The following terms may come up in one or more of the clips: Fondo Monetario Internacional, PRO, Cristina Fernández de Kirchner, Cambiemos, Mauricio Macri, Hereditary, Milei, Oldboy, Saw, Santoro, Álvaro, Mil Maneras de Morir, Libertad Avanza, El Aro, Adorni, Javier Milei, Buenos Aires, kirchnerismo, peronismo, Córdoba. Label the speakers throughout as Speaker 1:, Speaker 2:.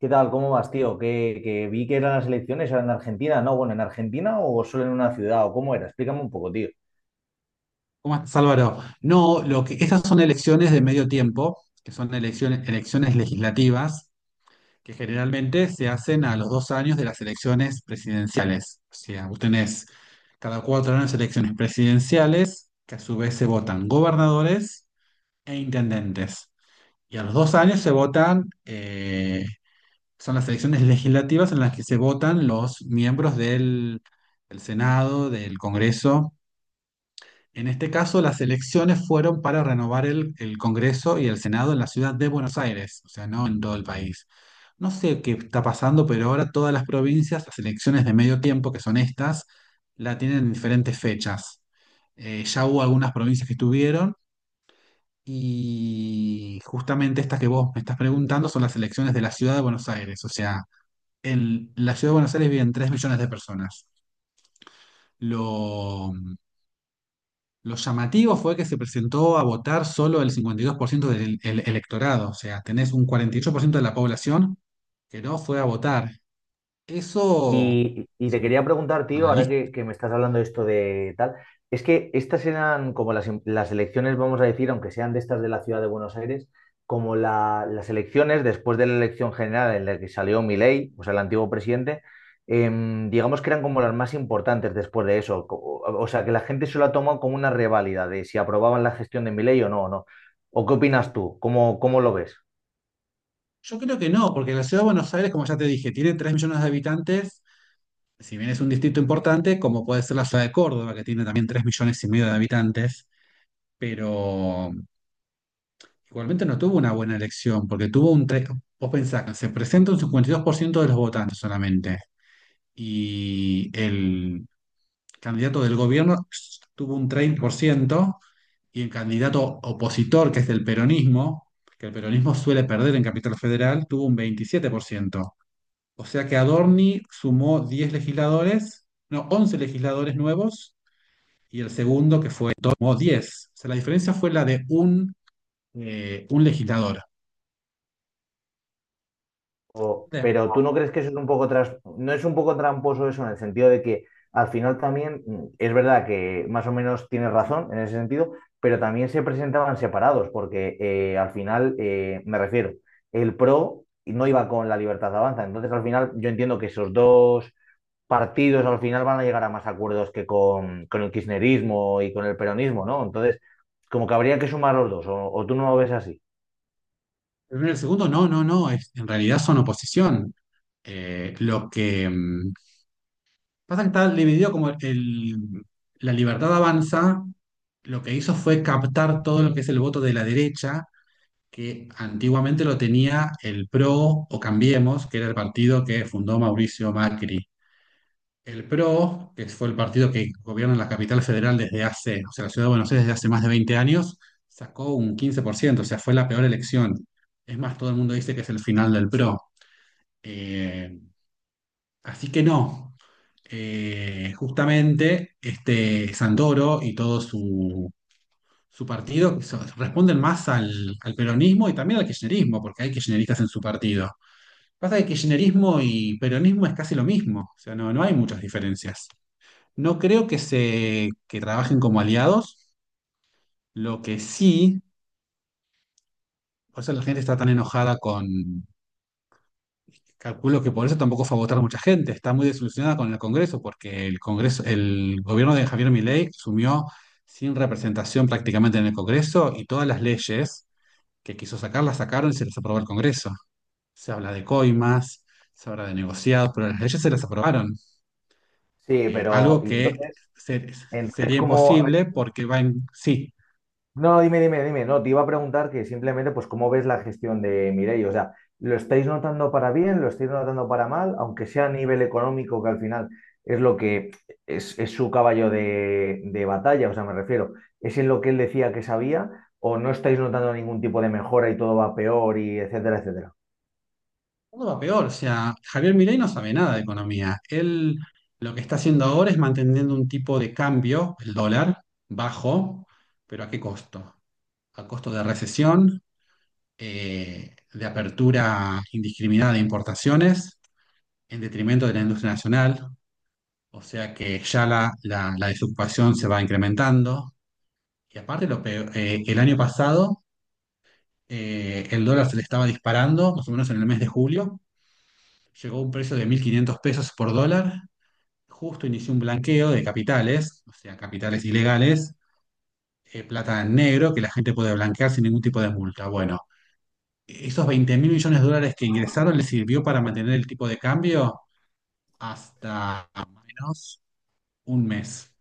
Speaker 1: ¿Qué tal? ¿Cómo vas, tío? Que vi que eran las elecciones, eran en Argentina, ¿no? Bueno, ¿en Argentina o solo en una ciudad? ¿O cómo era? Explícame un poco, tío.
Speaker 2: ¿Cómo estás, Álvaro? No, lo que, esas son elecciones de medio tiempo, que son elecciones, elecciones legislativas, que generalmente se hacen a los dos años de las elecciones presidenciales. O sea, vos tenés cada cuatro años elecciones presidenciales, que a su vez se votan gobernadores e intendentes. Y a los dos años se votan, son las elecciones legislativas en las que se votan los miembros del Senado, del Congreso en este caso. Las elecciones fueron para renovar el Congreso y el Senado en la ciudad de Buenos Aires, o sea, no en todo el país. No sé qué está pasando, pero ahora todas las provincias, las elecciones de medio tiempo, que son estas, la tienen en diferentes fechas. Ya hubo algunas provincias que estuvieron, y justamente estas que vos me estás preguntando son las elecciones de la ciudad de Buenos Aires. O sea, en la ciudad de Buenos Aires viven 3.000.000 de personas. Lo, Lo llamativo fue que se presentó a votar solo el 52% del electorado, o sea, tenés un 48% de la población que no fue a votar. Eso,
Speaker 1: Y te
Speaker 2: según
Speaker 1: quería
Speaker 2: los
Speaker 1: preguntar, tío, ahora
Speaker 2: analistas,
Speaker 1: que, me estás hablando de esto de tal, es que estas eran como las elecciones, vamos a decir, aunque sean de estas de la ciudad de Buenos Aires, como las elecciones después de la elección general en la que salió Milei, o sea, el antiguo presidente, digamos que eran como las más importantes después de eso. O sea, que la gente se lo ha tomado como una reválida de si aprobaban la gestión de Milei o no, o no. ¿O qué opinas tú? ¿Cómo, cómo lo ves?
Speaker 2: yo creo que no, porque la ciudad de Buenos Aires, como ya te dije, tiene 3 millones de habitantes. Si bien es un distrito importante, como puede ser la ciudad de Córdoba, que tiene también 3.500.000 de habitantes, pero igualmente no tuvo una buena elección, porque tuvo un tres. Vos pensás que se presenta un 52% de los votantes solamente. Y el candidato del gobierno tuvo un 30% y el candidato opositor, que es del peronismo, que el peronismo suele perder en Capital Federal, tuvo un 27%. O sea que Adorni sumó 10 legisladores, no, 11 legisladores nuevos, y el segundo que fue tomó diez. O sea, la diferencia fue la de un legislador. El
Speaker 1: Pero tú no crees que eso es un poco no es un poco tramposo eso en el sentido de que al final también es verdad que más o menos tienes razón en ese sentido, pero también se presentaban separados porque al final me refiero, el PRO no iba con la Libertad Avanza, entonces al final yo entiendo que esos dos partidos al final van a llegar a más acuerdos que con, el kirchnerismo y con el peronismo, ¿no? Entonces como que habría que sumar los dos, o tú no lo ves así.
Speaker 2: primero, el segundo, no, no, no, en realidad son oposición. Lo que pasa que está dividido como el, la libertad avanza, lo que hizo fue captar todo lo que es el voto de la derecha, que antiguamente lo tenía el PRO o Cambiemos, que era el partido que fundó Mauricio Macri. El PRO, que fue el partido que gobierna la capital federal desde hace, o sea, la ciudad de Buenos Aires desde hace más de 20 años, sacó un 15%. O sea, fue la peor elección. Es más, todo el mundo dice que es el final del PRO. Eh, Así que no, justamente este Santoro y todo su, su partido responden más al, al peronismo y también al kirchnerismo, porque hay kirchneristas en su partido. Pasa que kirchnerismo y peronismo es casi lo mismo, o sea, no, no hay muchas diferencias. No creo que se que trabajen como aliados. Lo que sí, por eso la gente está tan enojada con... Calculo que por eso tampoco fue a votar mucha gente. Está muy desilusionada con el Congreso, porque el Congreso, el gobierno de Javier Milei sumió sin representación prácticamente en el Congreso, y todas las leyes que quiso sacar las sacaron y se las aprobó el Congreso. Se habla de coimas, se habla de negociados, pero las leyes se las aprobaron.
Speaker 1: Sí, pero
Speaker 2: Algo
Speaker 1: y
Speaker 2: que
Speaker 1: entonces,
Speaker 2: se-
Speaker 1: entonces
Speaker 2: sería
Speaker 1: como
Speaker 2: imposible porque va en sí.
Speaker 1: no, dime, dime, dime. No, te iba a preguntar que simplemente, pues, ¿cómo ves la gestión de Mireia? O sea, ¿lo estáis notando para bien? ¿Lo estáis notando para mal? Aunque sea a nivel económico, que al final es lo que es, su caballo de, batalla, o sea, me refiero, ¿es en lo que él decía que sabía? ¿O no estáis notando ningún tipo de mejora y todo va peor y etcétera, etcétera?
Speaker 2: Todo va peor, o sea, Javier Milei no sabe nada de economía. Él lo que está haciendo ahora es manteniendo un tipo de cambio, el dólar, bajo, pero ¿a qué costo? A costo de recesión, de apertura indiscriminada de importaciones, en detrimento de la industria nacional, o sea que ya la, la desocupación se va incrementando. Y aparte, lo peor, el año pasado el dólar se le estaba disparando, más o menos en el mes de julio, llegó a un precio de 1.500 pesos por dólar. Justo inició un blanqueo de capitales, o sea, capitales ilegales, plata en negro que la gente puede blanquear sin ningún tipo de multa. Bueno, esos 20.000 millones de dólares que ingresaron les sirvió para mantener el tipo de cambio hasta menos un mes.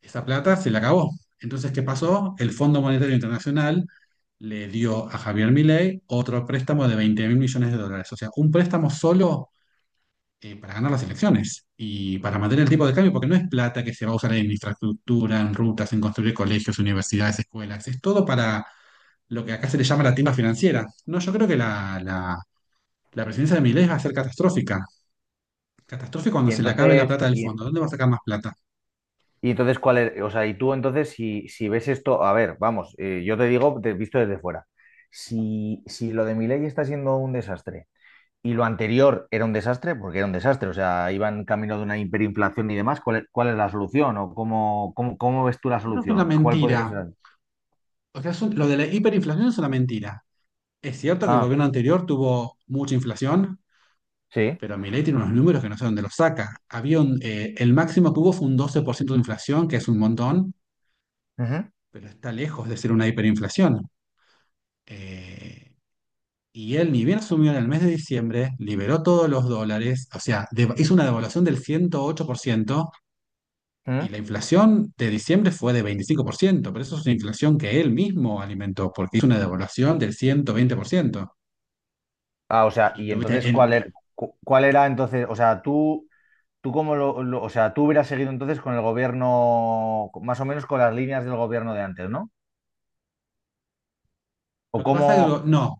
Speaker 2: Esa plata se la acabó. Entonces, ¿qué pasó? El Fondo Monetario Internacional le dio a Javier Milei otro préstamo de 20.000 millones de dólares. O sea, un préstamo solo para ganar las elecciones y para mantener el tipo de cambio, porque no es plata que se va a usar en infraestructura, en rutas, en construir colegios, universidades, escuelas. Es todo para lo que acá se le llama la timba financiera. No, yo creo que la presidencia de Milei va a ser catastrófica. Catastrófica cuando
Speaker 1: Y
Speaker 2: se le acabe la
Speaker 1: entonces,
Speaker 2: plata del
Speaker 1: y,
Speaker 2: fondo. ¿Dónde va a sacar más plata?
Speaker 1: y entonces, ¿cuál es? O sea, y tú entonces, si, ves esto, a ver, vamos, yo te digo, te, visto desde fuera, si, lo de Milei está siendo un desastre y lo anterior era un desastre, porque era un desastre, o sea, iban camino de una hiperinflación y demás, cuál es la solución? ¿O cómo, cómo, cómo ves tú la
Speaker 2: No es una
Speaker 1: solución? ¿Cuál
Speaker 2: mentira.
Speaker 1: podría ser?
Speaker 2: O sea, lo de la hiperinflación es una mentira. Es cierto que el
Speaker 1: Ah,
Speaker 2: gobierno anterior tuvo mucha inflación,
Speaker 1: sí.
Speaker 2: pero Milei tiene unos números que no sé dónde los saca. Había un, el máximo que hubo fue un 12% de inflación, que es un montón,
Speaker 1: Ujú,
Speaker 2: pero está lejos de ser una hiperinflación. Eh, y él ni bien asumió en el mes de diciembre, liberó todos los dólares, o sea, hizo una devaluación del 108%, y
Speaker 1: ujú.
Speaker 2: la inflación de diciembre fue de 25%, pero eso es una inflación que él mismo alimentó, porque hizo una devaluación del 120%.
Speaker 1: Ah, o sea,
Speaker 2: Y
Speaker 1: y
Speaker 2: tuviste
Speaker 1: entonces,
Speaker 2: el...
Speaker 1: ¿cuál era, cuál era entonces? O sea, tú cómo lo, o sea, tú hubieras seguido entonces con el gobierno, más o menos con las líneas del gobierno de antes, ¿no? O
Speaker 2: Lo que
Speaker 1: cómo,
Speaker 2: pasa es que... no.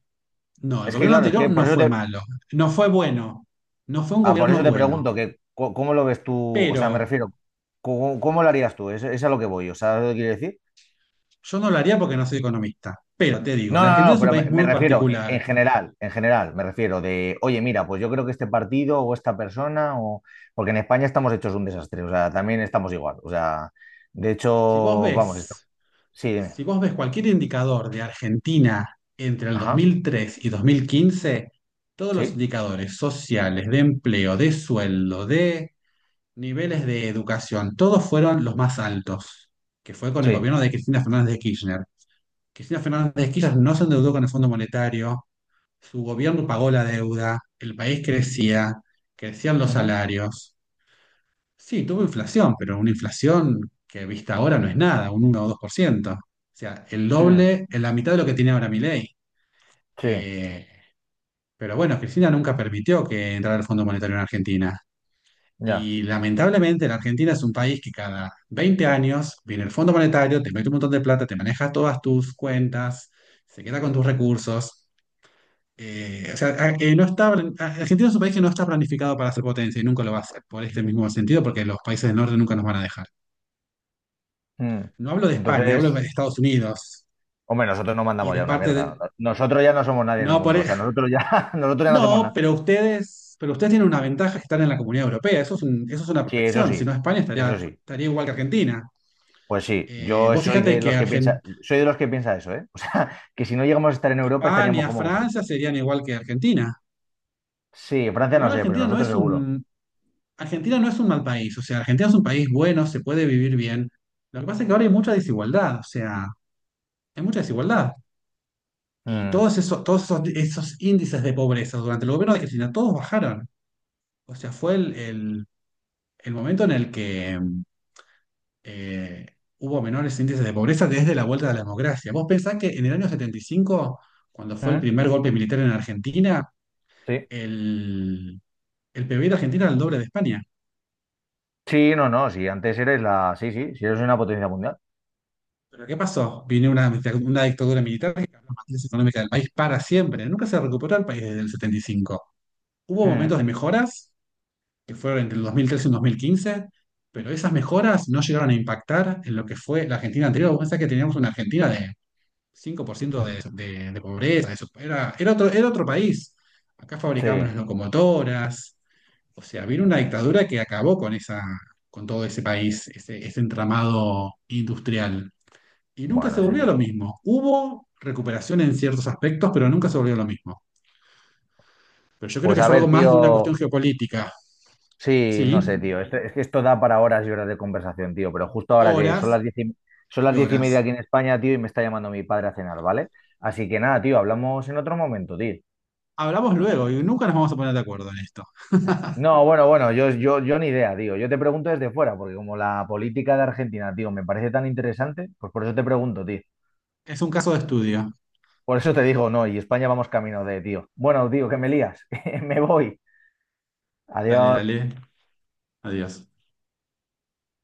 Speaker 2: No, el
Speaker 1: es que
Speaker 2: gobierno
Speaker 1: claro, es
Speaker 2: anterior
Speaker 1: que por
Speaker 2: no
Speaker 1: eso
Speaker 2: fue
Speaker 1: te,
Speaker 2: malo, no fue bueno, no fue un
Speaker 1: ah, por eso
Speaker 2: gobierno
Speaker 1: te
Speaker 2: bueno,
Speaker 1: pregunto que cómo lo ves tú, o sea, me
Speaker 2: pero
Speaker 1: refiero, ¿cómo, cómo lo harías tú? Es a lo que voy, o sea, ¿sabes lo que quiero decir?
Speaker 2: yo no lo haría porque no soy economista. Pero te digo,
Speaker 1: No,
Speaker 2: la
Speaker 1: no,
Speaker 2: Argentina
Speaker 1: no,
Speaker 2: es un
Speaker 1: pero
Speaker 2: país
Speaker 1: me,
Speaker 2: muy
Speaker 1: refiero en,
Speaker 2: particular.
Speaker 1: general, en general, me refiero de, oye, mira, pues yo creo que este partido o esta persona, o porque en España estamos hechos un desastre, o sea, también estamos igual, o sea, de
Speaker 2: Si vos
Speaker 1: hecho, vamos,
Speaker 2: ves,
Speaker 1: sí, dime,
Speaker 2: si vos ves cualquier indicador de Argentina entre el dos
Speaker 1: ajá,
Speaker 2: mil tres y 2015, todos los
Speaker 1: sí,
Speaker 2: indicadores sociales, de empleo, de sueldo, de niveles de educación, todos fueron los más altos, que fue con el
Speaker 1: sí,
Speaker 2: gobierno de Cristina Fernández de Kirchner. Cristina Fernández de Kirchner no se endeudó con el Fondo Monetario. Su gobierno pagó la deuda, el país crecía, crecían los
Speaker 1: ujú,
Speaker 2: salarios. Sí, tuvo inflación, pero una inflación que vista ahora no es nada, un 1 o 2%. O sea, el
Speaker 1: mm,
Speaker 2: doble, en la mitad de lo que tiene ahora Milei.
Speaker 1: sí,
Speaker 2: Eh, pero bueno, Cristina nunca permitió que entrara el Fondo Monetario en Argentina.
Speaker 1: ya,
Speaker 2: Y lamentablemente la Argentina es un país que cada 20 años viene el Fondo Monetario, te mete un montón de plata, te maneja todas tus cuentas, se queda con tus recursos. O sea, no está, Argentina es un país que no está planificado para ser potencia y nunca lo va a ser, por este mismo sentido, porque los países del norte nunca nos van a dejar.
Speaker 1: mm.
Speaker 2: No hablo de España, hablo de
Speaker 1: Entonces,
Speaker 2: Estados Unidos
Speaker 1: hombre, nosotros no
Speaker 2: y
Speaker 1: mandamos
Speaker 2: de
Speaker 1: ya una
Speaker 2: parte
Speaker 1: mierda,
Speaker 2: de...
Speaker 1: nosotros ya no somos nadie en el
Speaker 2: No, por...
Speaker 1: mundo, o sea, nosotros ya, nosotros ya no hacemos
Speaker 2: no,
Speaker 1: nada,
Speaker 2: pero ustedes tienen una ventaja, que están en la Comunidad Europea. Eso es eso es una
Speaker 1: sí, eso
Speaker 2: protección, si
Speaker 1: sí,
Speaker 2: no España
Speaker 1: eso
Speaker 2: estaría,
Speaker 1: sí.
Speaker 2: estaría igual que Argentina.
Speaker 1: Pues sí, yo
Speaker 2: Vos
Speaker 1: soy
Speaker 2: fíjate
Speaker 1: de
Speaker 2: que
Speaker 1: los que piensa, soy de los que piensa eso, ¿eh? O sea, que si no llegamos a estar en Europa estaríamos
Speaker 2: España,
Speaker 1: como
Speaker 2: Francia
Speaker 1: vosotros.
Speaker 2: serían igual que Argentina.
Speaker 1: Sí, Francia no
Speaker 2: Igual
Speaker 1: sé, pero
Speaker 2: Argentina no
Speaker 1: nosotros
Speaker 2: es
Speaker 1: seguro.
Speaker 2: un, Argentina no es un mal país, o sea, Argentina es un país bueno, se puede vivir bien. Lo que pasa es que ahora hay mucha desigualdad, o sea, hay mucha desigualdad. Y
Speaker 1: Mm.
Speaker 2: todos esos, esos índices de pobreza durante el gobierno de Cristina, todos bajaron. O sea, fue el, el momento en el que eh, hubo menores índices de pobreza desde la vuelta de la democracia. ¿Vos pensás que en el año 75, cuando fue el
Speaker 1: Mm.
Speaker 2: primer golpe militar en Argentina,
Speaker 1: Sí.
Speaker 2: el, el PBI de Argentina era el doble de España?
Speaker 1: Sí, no, no, sí, antes eres la. Sí, sí, sí, eres una potencia mundial.
Speaker 2: ¿Pero qué pasó? Vino una, una dictadura militar que cambió la matriz económica del país para siempre. Nunca se recuperó el país desde el 75. Hubo
Speaker 1: Mm.
Speaker 2: momentos de mejoras, que fueron entre el 2013 y el 2015, pero esas mejoras no llegaron a impactar en lo que fue la Argentina anterior. Vos pensás que teníamos una Argentina de 5% de pobreza, eso. Era, era otro país. Acá
Speaker 1: Sí.
Speaker 2: fabricamos las locomotoras. O sea, vino una dictadura que acabó con esa, con todo ese país, ese entramado industrial. Y nunca
Speaker 1: Bueno,
Speaker 2: se
Speaker 1: no sé,
Speaker 2: volvió lo
Speaker 1: tío.
Speaker 2: mismo. Hubo recuperación en ciertos aspectos, pero nunca se volvió lo mismo. Pero yo creo
Speaker 1: Pues
Speaker 2: que
Speaker 1: a
Speaker 2: es algo
Speaker 1: ver,
Speaker 2: más de una cuestión
Speaker 1: tío.
Speaker 2: geopolítica.
Speaker 1: Sí, no
Speaker 2: Sí,
Speaker 1: sé, tío. Es que esto da para horas y horas de conversación, tío. Pero justo ahora que son
Speaker 2: horas
Speaker 1: las diez y, son
Speaker 2: y
Speaker 1: las 10:30
Speaker 2: horas.
Speaker 1: aquí en España, tío, y me está llamando mi padre a cenar, ¿vale? Así que nada, tío, hablamos en otro momento, tío.
Speaker 2: Hablamos luego y nunca nos vamos a poner de acuerdo en esto.
Speaker 1: No, bueno, bueno, yo ni idea, tío. Yo te pregunto desde fuera, porque como la política de Argentina, tío, me parece tan interesante, pues por eso te pregunto, tío.
Speaker 2: Es un caso de estudio.
Speaker 1: Por eso te digo, no, y España vamos camino de, tío. Bueno, tío, que me lías, me voy.
Speaker 2: Dale,
Speaker 1: Adiós.
Speaker 2: dale. Adiós.